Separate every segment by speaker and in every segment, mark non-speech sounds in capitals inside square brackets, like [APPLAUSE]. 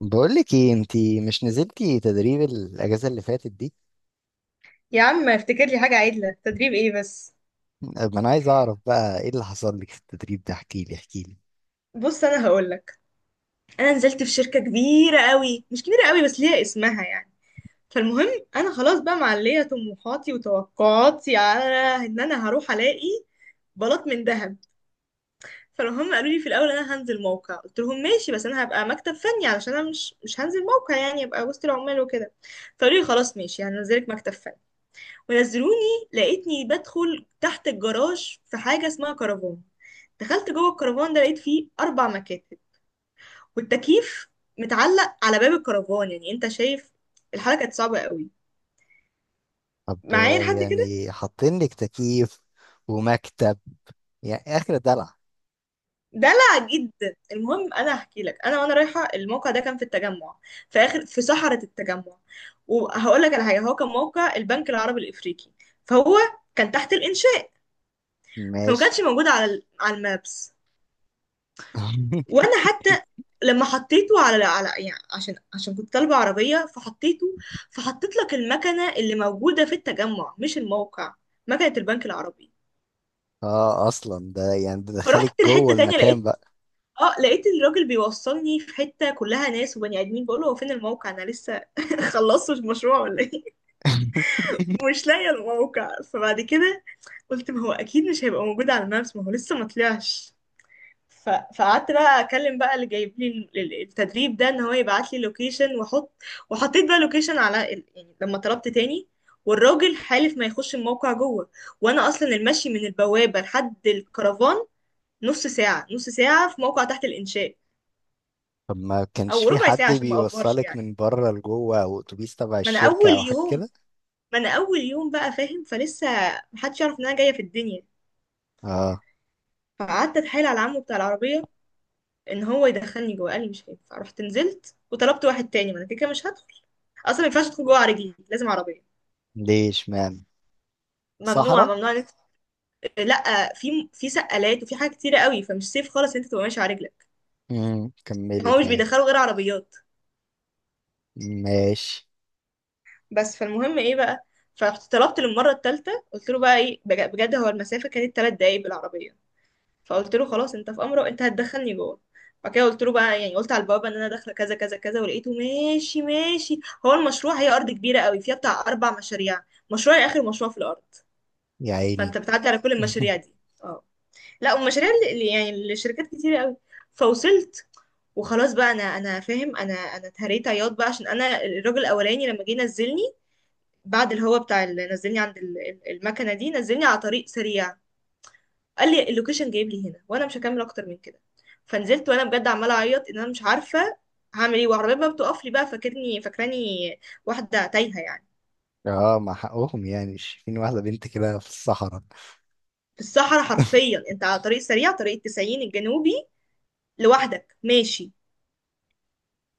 Speaker 1: بقولك ايه انتي مش نزلتي تدريب الاجازه اللي فاتت دي؟
Speaker 2: يا عم، افتكر لي حاجة عدلة، تدريب ايه بس؟
Speaker 1: ما انا عايز اعرف بقى ايه اللي حصل لك في التدريب ده، احكيلي احكيلي.
Speaker 2: بص، انا هقولك. انا نزلت في شركة كبيرة قوي، مش كبيرة قوي بس ليها اسمها يعني. فالمهم، انا خلاص بقى معلية طموحاتي وتوقعاتي على ان انا هروح الاقي بلاط من ذهب. فهم قالوا لي في الاول انا هنزل موقع، قلت لهم ماشي، بس انا هبقى مكتب فني علشان انا مش هنزل موقع، يعني ابقى وسط العمال وكده. فقالوا لي خلاص ماشي، هنزلك مكتب فني. ونزلوني لقيتني بدخل تحت الجراج في حاجة اسمها كرفان. دخلت جوه الكرفان ده لقيت فيه أربع مكاتب، والتكييف متعلق على باب الكرفان، يعني أنت شايف الحالة كانت صعبة قوي.
Speaker 1: طب
Speaker 2: معايا لحد كده.
Speaker 1: يعني حاطين لك تكييف ومكتب، يعني اخر دلع.
Speaker 2: دلع جدا. المهم انا هحكي لك، انا وانا رايحه الموقع ده كان في التجمع، في اخر في صحراء التجمع. وهقول لك على حاجه، هو كان موقع البنك العربي الافريقي، فهو كان تحت الانشاء. فما
Speaker 1: ماشي.
Speaker 2: كانش موجود على على المابس.
Speaker 1: [LAUGHS]
Speaker 2: وانا حتى لما حطيته على على يعني عشان كنت طالبة عربية، فحطيته، فحطيت لك المكنة اللي موجودة في التجمع مش الموقع، مكنة البنك العربي.
Speaker 1: اه، اصلا ده يعني ده دخلك
Speaker 2: فرحت
Speaker 1: جوه
Speaker 2: لحتة تانية،
Speaker 1: المكان بقى.
Speaker 2: لقيت الراجل بيوصلني في حتة كلها ناس وبني ادمين. بقول له هو فين الموقع، انا لسه [LAUGHS] خلصتش المشروع ولا ايه؟
Speaker 1: [LAUGHS]
Speaker 2: ومش لاقية الموقع. فبعد كده قلت ما هو اكيد مش هيبقى موجود على المابس، ما هو لسه ما طلعش. ف- فقعدت بقى اكلم بقى اللي جايب لي التدريب ده ان هو يبعت لي لوكيشن واحط. وحطيت بقى لوكيشن على يعني لما طلبت تاني، والراجل حالف ما يخش الموقع جوه. وانا اصلا المشي من البوابه لحد الكرفان نص ساعه نص ساعه، في موقع تحت الانشاء.
Speaker 1: طب ما كانش
Speaker 2: او
Speaker 1: في
Speaker 2: ربع
Speaker 1: حد
Speaker 2: ساعه عشان ما افورش
Speaker 1: بيوصلك
Speaker 2: يعني.
Speaker 1: من بره لجوه او اتوبيس تبع
Speaker 2: ما انا
Speaker 1: الشركه
Speaker 2: اول
Speaker 1: او حاجه
Speaker 2: يوم
Speaker 1: كده؟
Speaker 2: ما انا اول يوم بقى فاهم، فلسه محدش يعرف ان انا جايه في الدنيا.
Speaker 1: اه.
Speaker 2: فقعدت اتحايل على عمه بتاع العربيه ان هو يدخلني جوه. قال لي مش هينفع. رحت نزلت وطلبت واحد تاني، ما انا كده كده مش هدخل اصلا، ما ينفعش ادخل جوه على رجلي، لازم عربيه.
Speaker 1: ليش مان.
Speaker 2: ممنوع
Speaker 1: صحراء.
Speaker 2: ممنوع لا، في سقالات وفي حاجات كتيره قوي، فمش سيف خالص إن انت تبقى ماشي على رجلك. يعني
Speaker 1: كملي
Speaker 2: هو مش
Speaker 1: طيب.
Speaker 2: بيدخلوا غير عربيات.
Speaker 1: ماشي.
Speaker 2: بس فالمهم ايه بقى. فطلبت للمره الثالثه، قلت له بقى ايه بجد، هو المسافه كانت ثلاث دقايق بالعربيه. فقلت له خلاص انت في امره، انت هتدخلني جوه. بعد كده قلت له بقى يعني قلت على البوابه ان انا داخله كذا كذا كذا، ولقيته ماشي ماشي. هو المشروع، هي ارض كبيره قوي فيها بتاع اربع مشاريع، مشروعي اخر مشروع في الارض.
Speaker 1: يا عيني.
Speaker 2: فانت بتعدي على كل المشاريع دي. اه. لا والمشاريع يعني الشركات كتير قوي. فوصلت، وخلاص بقى انا انا فاهم، انا اتهريت عياط بقى، عشان انا الراجل الاولاني لما جه نزلني، بعد الهوا بتاع اللي نزلني عند المكنه دي نزلني على طريق سريع. قال لي اللوكيشن جايب لي هنا، وانا مش هكمل اكتر من كده. فنزلت وانا بجد عماله اعيط ان انا مش عارفه هعمل ايه. وعربيه بقى بتقف لي بقى، فاكرني فاكراني واحده تايهه يعني.
Speaker 1: اه، مع حقهم يعني، مش شايفين واحدة بنت كده في الصحراء.
Speaker 2: في الصحراء حرفيا، انت على طريق سريع، طريق التسعين الجنوبي، لوحدك ماشي.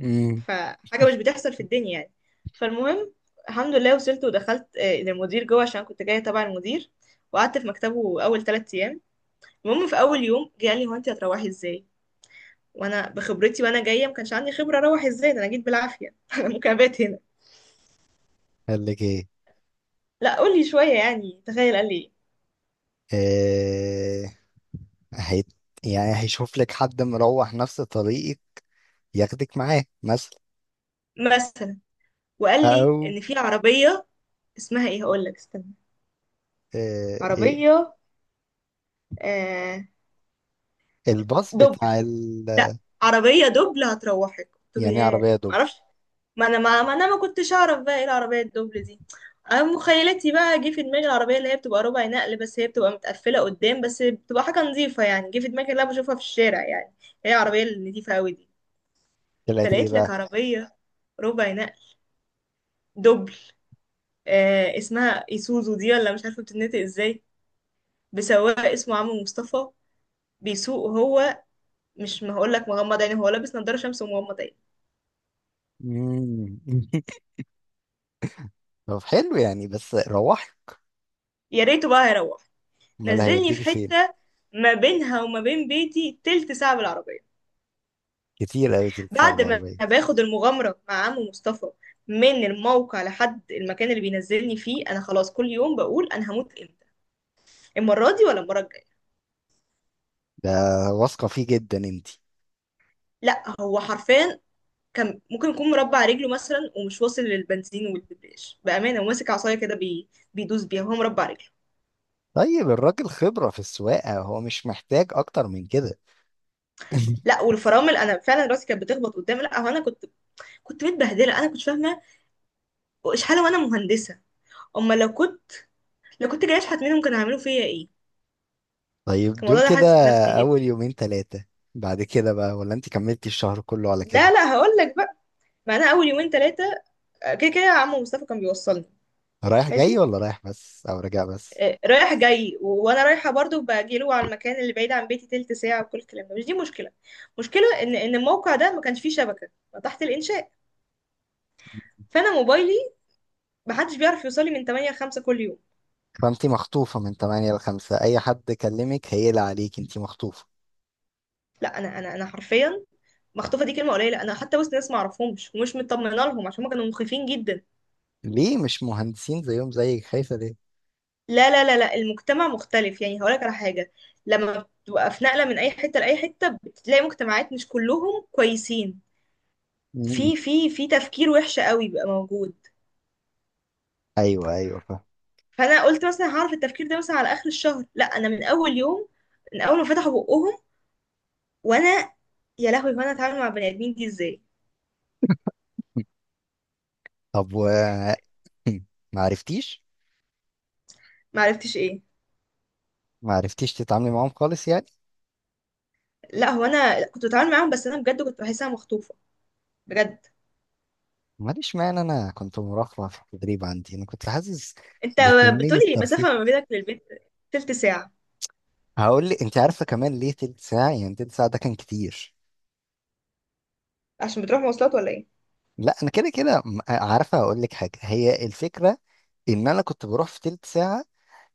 Speaker 1: امم
Speaker 2: فحاجة مش بتحصل في الدنيا يعني. فالمهم، الحمد لله وصلت ودخلت للمدير جوه عشان كنت جاية تبع المدير. وقعدت في مكتبه أول ثلاث أيام. المهم في أول يوم جه قال لي هو أنت هتروحي إزاي؟ وأنا بخبرتي وأنا جاية، ما كانش عندي خبرة أروح إزاي، ده أنا جيت بالعافية. [LAUGHS] أنا ممكن أبات هنا.
Speaker 1: قال لك ايه؟
Speaker 2: لا قولي شوية، يعني تخيل قال لي إيه.
Speaker 1: آه هي، يعني هيشوف لك حد مروح نفس طريقك ياخدك معاه مثلا؟
Speaker 2: مثلا. وقال لي
Speaker 1: او
Speaker 2: إن في عربية. اسمها إيه هقول لك، استنى.
Speaker 1: إيه،
Speaker 2: عربية. آه
Speaker 1: الباص
Speaker 2: دبل.
Speaker 1: بتاع
Speaker 2: لا، عربية دبل هتروحك. قلت له
Speaker 1: يعني
Speaker 2: ياه
Speaker 1: عربية دوبل؟
Speaker 2: معرفش، ما انا ما كنتش اعرف بقى ايه العربية الدبل دي. انا مخيلتي بقى جه في دماغي العربية اللي هي بتبقى ربع نقل، بس هي بتبقى متقفلة قدام، بس بتبقى حاجة نظيفة، يعني جه في دماغي اللي انا بشوفها في الشارع يعني، هي العربية النظيفة قوي دي.
Speaker 1: طلعت ايه
Speaker 2: فلقيت لك
Speaker 1: بقى؟
Speaker 2: عربية ربع نقل دبل، آه اسمها ايسوزو دي ولا مش عارفة بتتنطق ازاي، بسواق اسمه عمرو مصطفى. بيسوق هو مش ما هقول لك مغمض عينه، هو لابس نضاره شمس ومغمض عينه.
Speaker 1: مم. [LAUGHS] طب حلو، يعني بس روحي.
Speaker 2: يا ريته بقى هيروح.
Speaker 1: امال
Speaker 2: نزلني في
Speaker 1: هيوديكي فين؟
Speaker 2: حتة ما بينها وما بين بيتي تلت ساعة بالعربية.
Speaker 1: كتير قوي تلتسع
Speaker 2: بعد ما
Speaker 1: بالعربية.
Speaker 2: باخد المغامرة مع عمو مصطفى من الموقع لحد المكان اللي بينزلني فيه، انا خلاص كل يوم بقول انا هموت امتى، المرة دي ولا المرة الجاية.
Speaker 1: ده واثقة فيه جدا انتي؟
Speaker 2: لا هو حرفيا كان ممكن يكون مربع رجله مثلا ومش واصل للبنزين والدبريش، بأمانة، وماسك عصاية كده بيدوس بيها وهو مربع رجله.
Speaker 1: طيب الراجل خبرة في السواقة، هو مش محتاج اكتر من كده. [LAUGHS]
Speaker 2: لا والفرامل، انا فعلا راسي كانت بتخبط قدامي. لا هو انا كنت متبهدله، انا كنت فاهمه اشحال وانا مهندسه، اما لو كنت جايه اشحت منهم كانوا هيعملوا فيا ايه.
Speaker 1: طيب دول
Speaker 2: الموضوع ده
Speaker 1: كده
Speaker 2: حاسس
Speaker 1: اول
Speaker 2: بنفسيتي.
Speaker 1: يومين ثلاثة، بعد كده بقى؟ ولا انت كملتي الشهر كله على
Speaker 2: لا،
Speaker 1: كده؟
Speaker 2: لا، هقول لك بقى. ما انا اول يومين ثلاثه كده كده عم مصطفى كان بيوصلني.
Speaker 1: رايح جاي
Speaker 2: ماشي.
Speaker 1: ولا رايح بس او راجع بس؟
Speaker 2: رايح جاي وانا رايحه برضو باجي له على المكان اللي بعيد عن بيتي تلت ساعه، وكل الكلام ده مش دي مشكله. مشكله ان الموقع ده ما كانش فيه شبكه، تحت الانشاء. فانا موبايلي ما حدش بيعرف يوصل لي من 8 ل 5 كل يوم.
Speaker 1: فانت مخطوفة من 8 ل 5، اي حد كلمك هيقلق عليك، انت مخطوفة.
Speaker 2: لا انا حرفيا مخطوفه، دي كلمه قليله. انا حتى وسط ناس ما اعرفهمش ومش مطمنه لهم، عشان هم كانوا مخيفين جدا.
Speaker 1: ليه مش مهندسين زيهم زيك، خايفة ليه؟
Speaker 2: لا لا لا لا، المجتمع مختلف. يعني هقولك على حاجة، لما بتبقى في نقلة من أي حتة لأي حتة بتلاقي مجتمعات مش كلهم كويسين.
Speaker 1: مم.
Speaker 2: في تفكير وحش قوي بيبقى موجود.
Speaker 1: ايوه ايوه فاهم.
Speaker 2: فأنا قلت مثلا هعرف التفكير ده مثلا على آخر الشهر، لا أنا من أول يوم، من أول ما فتحوا بقهم. وأنا يا لهوي، وأنا أتعامل مع بني آدمين دي إزاي.
Speaker 1: طب و [CLEARS THROAT] ما عرفتيش.
Speaker 2: معرفتش إيه.
Speaker 1: ما عرفتيش تتعاملي معاهم خالص يعني؟
Speaker 2: لا هو أنا كنت بتعامل معاهم، بس أنا بجد كنت بحسها مخطوفة بجد.
Speaker 1: ماليش معنى، انا كنت مرافقة في التدريب عندي، انا كنت حاسس
Speaker 2: أنت
Speaker 1: بكمية
Speaker 2: بتقولي
Speaker 1: ترفيه.
Speaker 2: المسافة ما بينك للبيت تلت ساعة.
Speaker 1: هقول لي انت عارفه كمان ليه تلت ساعه؟ يعني تلت ساعه ده كان كتير.
Speaker 2: عشان بتروح مواصلات ولا إيه؟
Speaker 1: لا انا كده كده عارفه، هقول لك حاجه. هي الفكره ان انا كنت بروح في تلت ساعه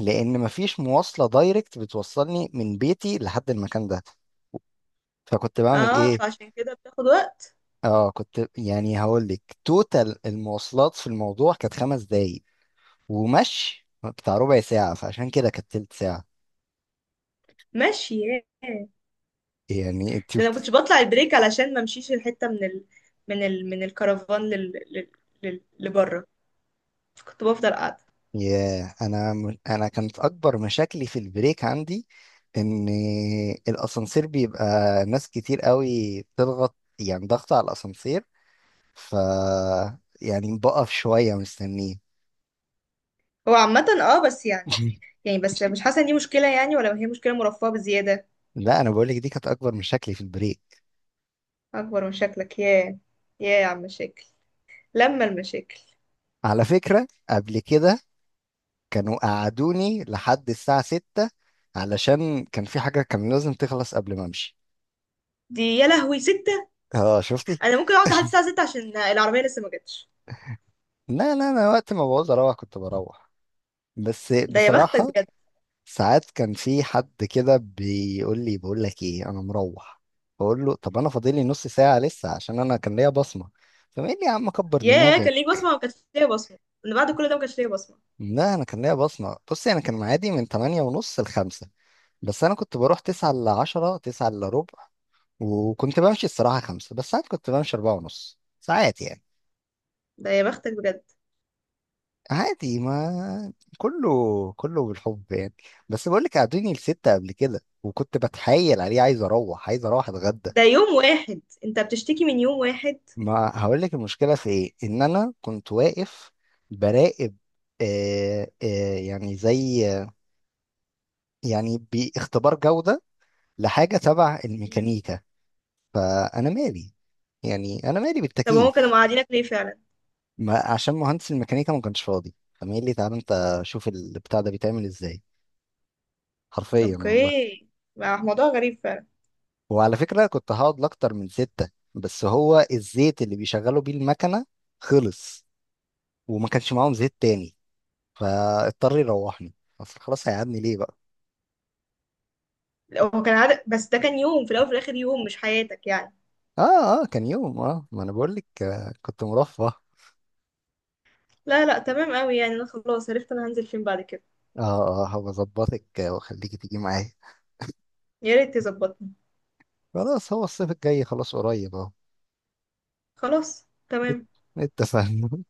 Speaker 1: لان مفيش مواصله دايركت بتوصلني من بيتي لحد المكان ده. فكنت بعمل
Speaker 2: اه،
Speaker 1: ايه؟
Speaker 2: فعشان كده بتاخد وقت.
Speaker 1: اه، كنت يعني هقول لك، توتال المواصلات في الموضوع كانت خمس دقايق ومشي بتاع ربع ساعه، فعشان كده كانت تلت ساعه.
Speaker 2: ماشي ياه.
Speaker 1: يعني انت،
Speaker 2: ده انا كنتش بطلع البريك علشان ما امشيش الحته من الكرفان لبره، فكنت بفضل قاعده.
Speaker 1: ياه. انا انا كانت اكبر مشاكلي في البريك عندي، ان الاسانسير بيبقى ناس كتير قوي بتضغط، يعني ضغط على الاسانسير، ف يعني بقف شويه مستنيه.
Speaker 2: هو عامه بس يعني
Speaker 1: [LAUGHS]
Speaker 2: يعني بس مش حاسه ان دي مشكله، يعني ولا هي مشكله مرفهه بزياده.
Speaker 1: لا انا بقول لك، دي كانت اكبر مشاكلي في البريك.
Speaker 2: اكبر مشاكلك، ياه ياه يا عم مشاكل، لما المشاكل
Speaker 1: على فكره قبل كده كانوا قعدوني لحد الساعه 6 علشان كان في حاجه كان لازم تخلص قبل ما امشي.
Speaker 2: دي. يا لهوي، ستة.
Speaker 1: اه شفتي؟
Speaker 2: انا ممكن اقعد لحد الساعه 6 عشان العربيه لسه ما جاتش.
Speaker 1: لا لا، انا وقت ما بعوز اروح كنت بروح. بس
Speaker 2: ده يا بختك
Speaker 1: بصراحه
Speaker 2: بجد.
Speaker 1: ساعات كان في حد كده بيقول لي، بقول لك ايه انا مروح، بقول له طب انا فاضل لي نص ساعه لسه عشان انا كان ليا بصمه، فقال لي يا عم كبر
Speaker 2: ياه، كان ليك
Speaker 1: دماغك.
Speaker 2: بصمه، ما كانش ليا بصمه، من بعد كل ده ما كانش ليا بصمه.
Speaker 1: لا انا كان ليا بصمه. بصي، انا كان معادي من 8 ونص ل 5، بس انا كنت بروح 9 ل 10، 9 الا ربع، وكنت بمشي الصراحه 5، بس ساعات كنت بمشي 4 ونص ساعات يعني.
Speaker 2: ده يا بختك بجد.
Speaker 1: عادي، ما كله كله بالحب يعني. بس بقول لك قعدوني لستة قبل كده وكنت بتحايل عليه عايز اروح، عايز اروح اتغدى.
Speaker 2: ده يوم واحد، انت بتشتكي من يوم واحد.
Speaker 1: ما هقول لك المشكله في ايه، ان انا كنت واقف براقب. آه آه يعني زي يعني باختبار جوده لحاجه تبع
Speaker 2: مم.
Speaker 1: الميكانيكا، فانا مالي يعني، انا مالي
Speaker 2: طب هما كانوا
Speaker 1: بالتكييف.
Speaker 2: مقعدينك ليه فعلا؟
Speaker 1: ما عشان مهندس الميكانيكا ما كانش فاضي، فمين لي، تعالى انت شوف البتاع ده بيتعمل ازاي، حرفيا والله.
Speaker 2: اوكي، ما هو موضوع غريب فعلا.
Speaker 1: وعلى فكره كنت هقعد لاكتر من سته، بس هو الزيت اللي بيشغلوا بيه المكنه خلص وما كانش معاهم زيت تاني، فاضطر يروحني. اصل خلاص هيقعدني ليه بقى؟
Speaker 2: لو هو كان عدد بس، ده كان يوم في الاول وفي الاخر، يوم مش حياتك يعني.
Speaker 1: اه اه كان يوم، اه ما انا بقول لك كنت مرفه اه
Speaker 2: لا، لا، تمام قوي. يعني انا خلاص عرفت انا هنزل فين بعد كده.
Speaker 1: اه هبقى اظبطك واخليكي تيجي معايا.
Speaker 2: يا ريت تظبطني.
Speaker 1: خلاص هو الصيف الجاي خلاص قريب اهو.
Speaker 2: خلاص
Speaker 1: ات-
Speaker 2: تمام.
Speaker 1: اتفقنا.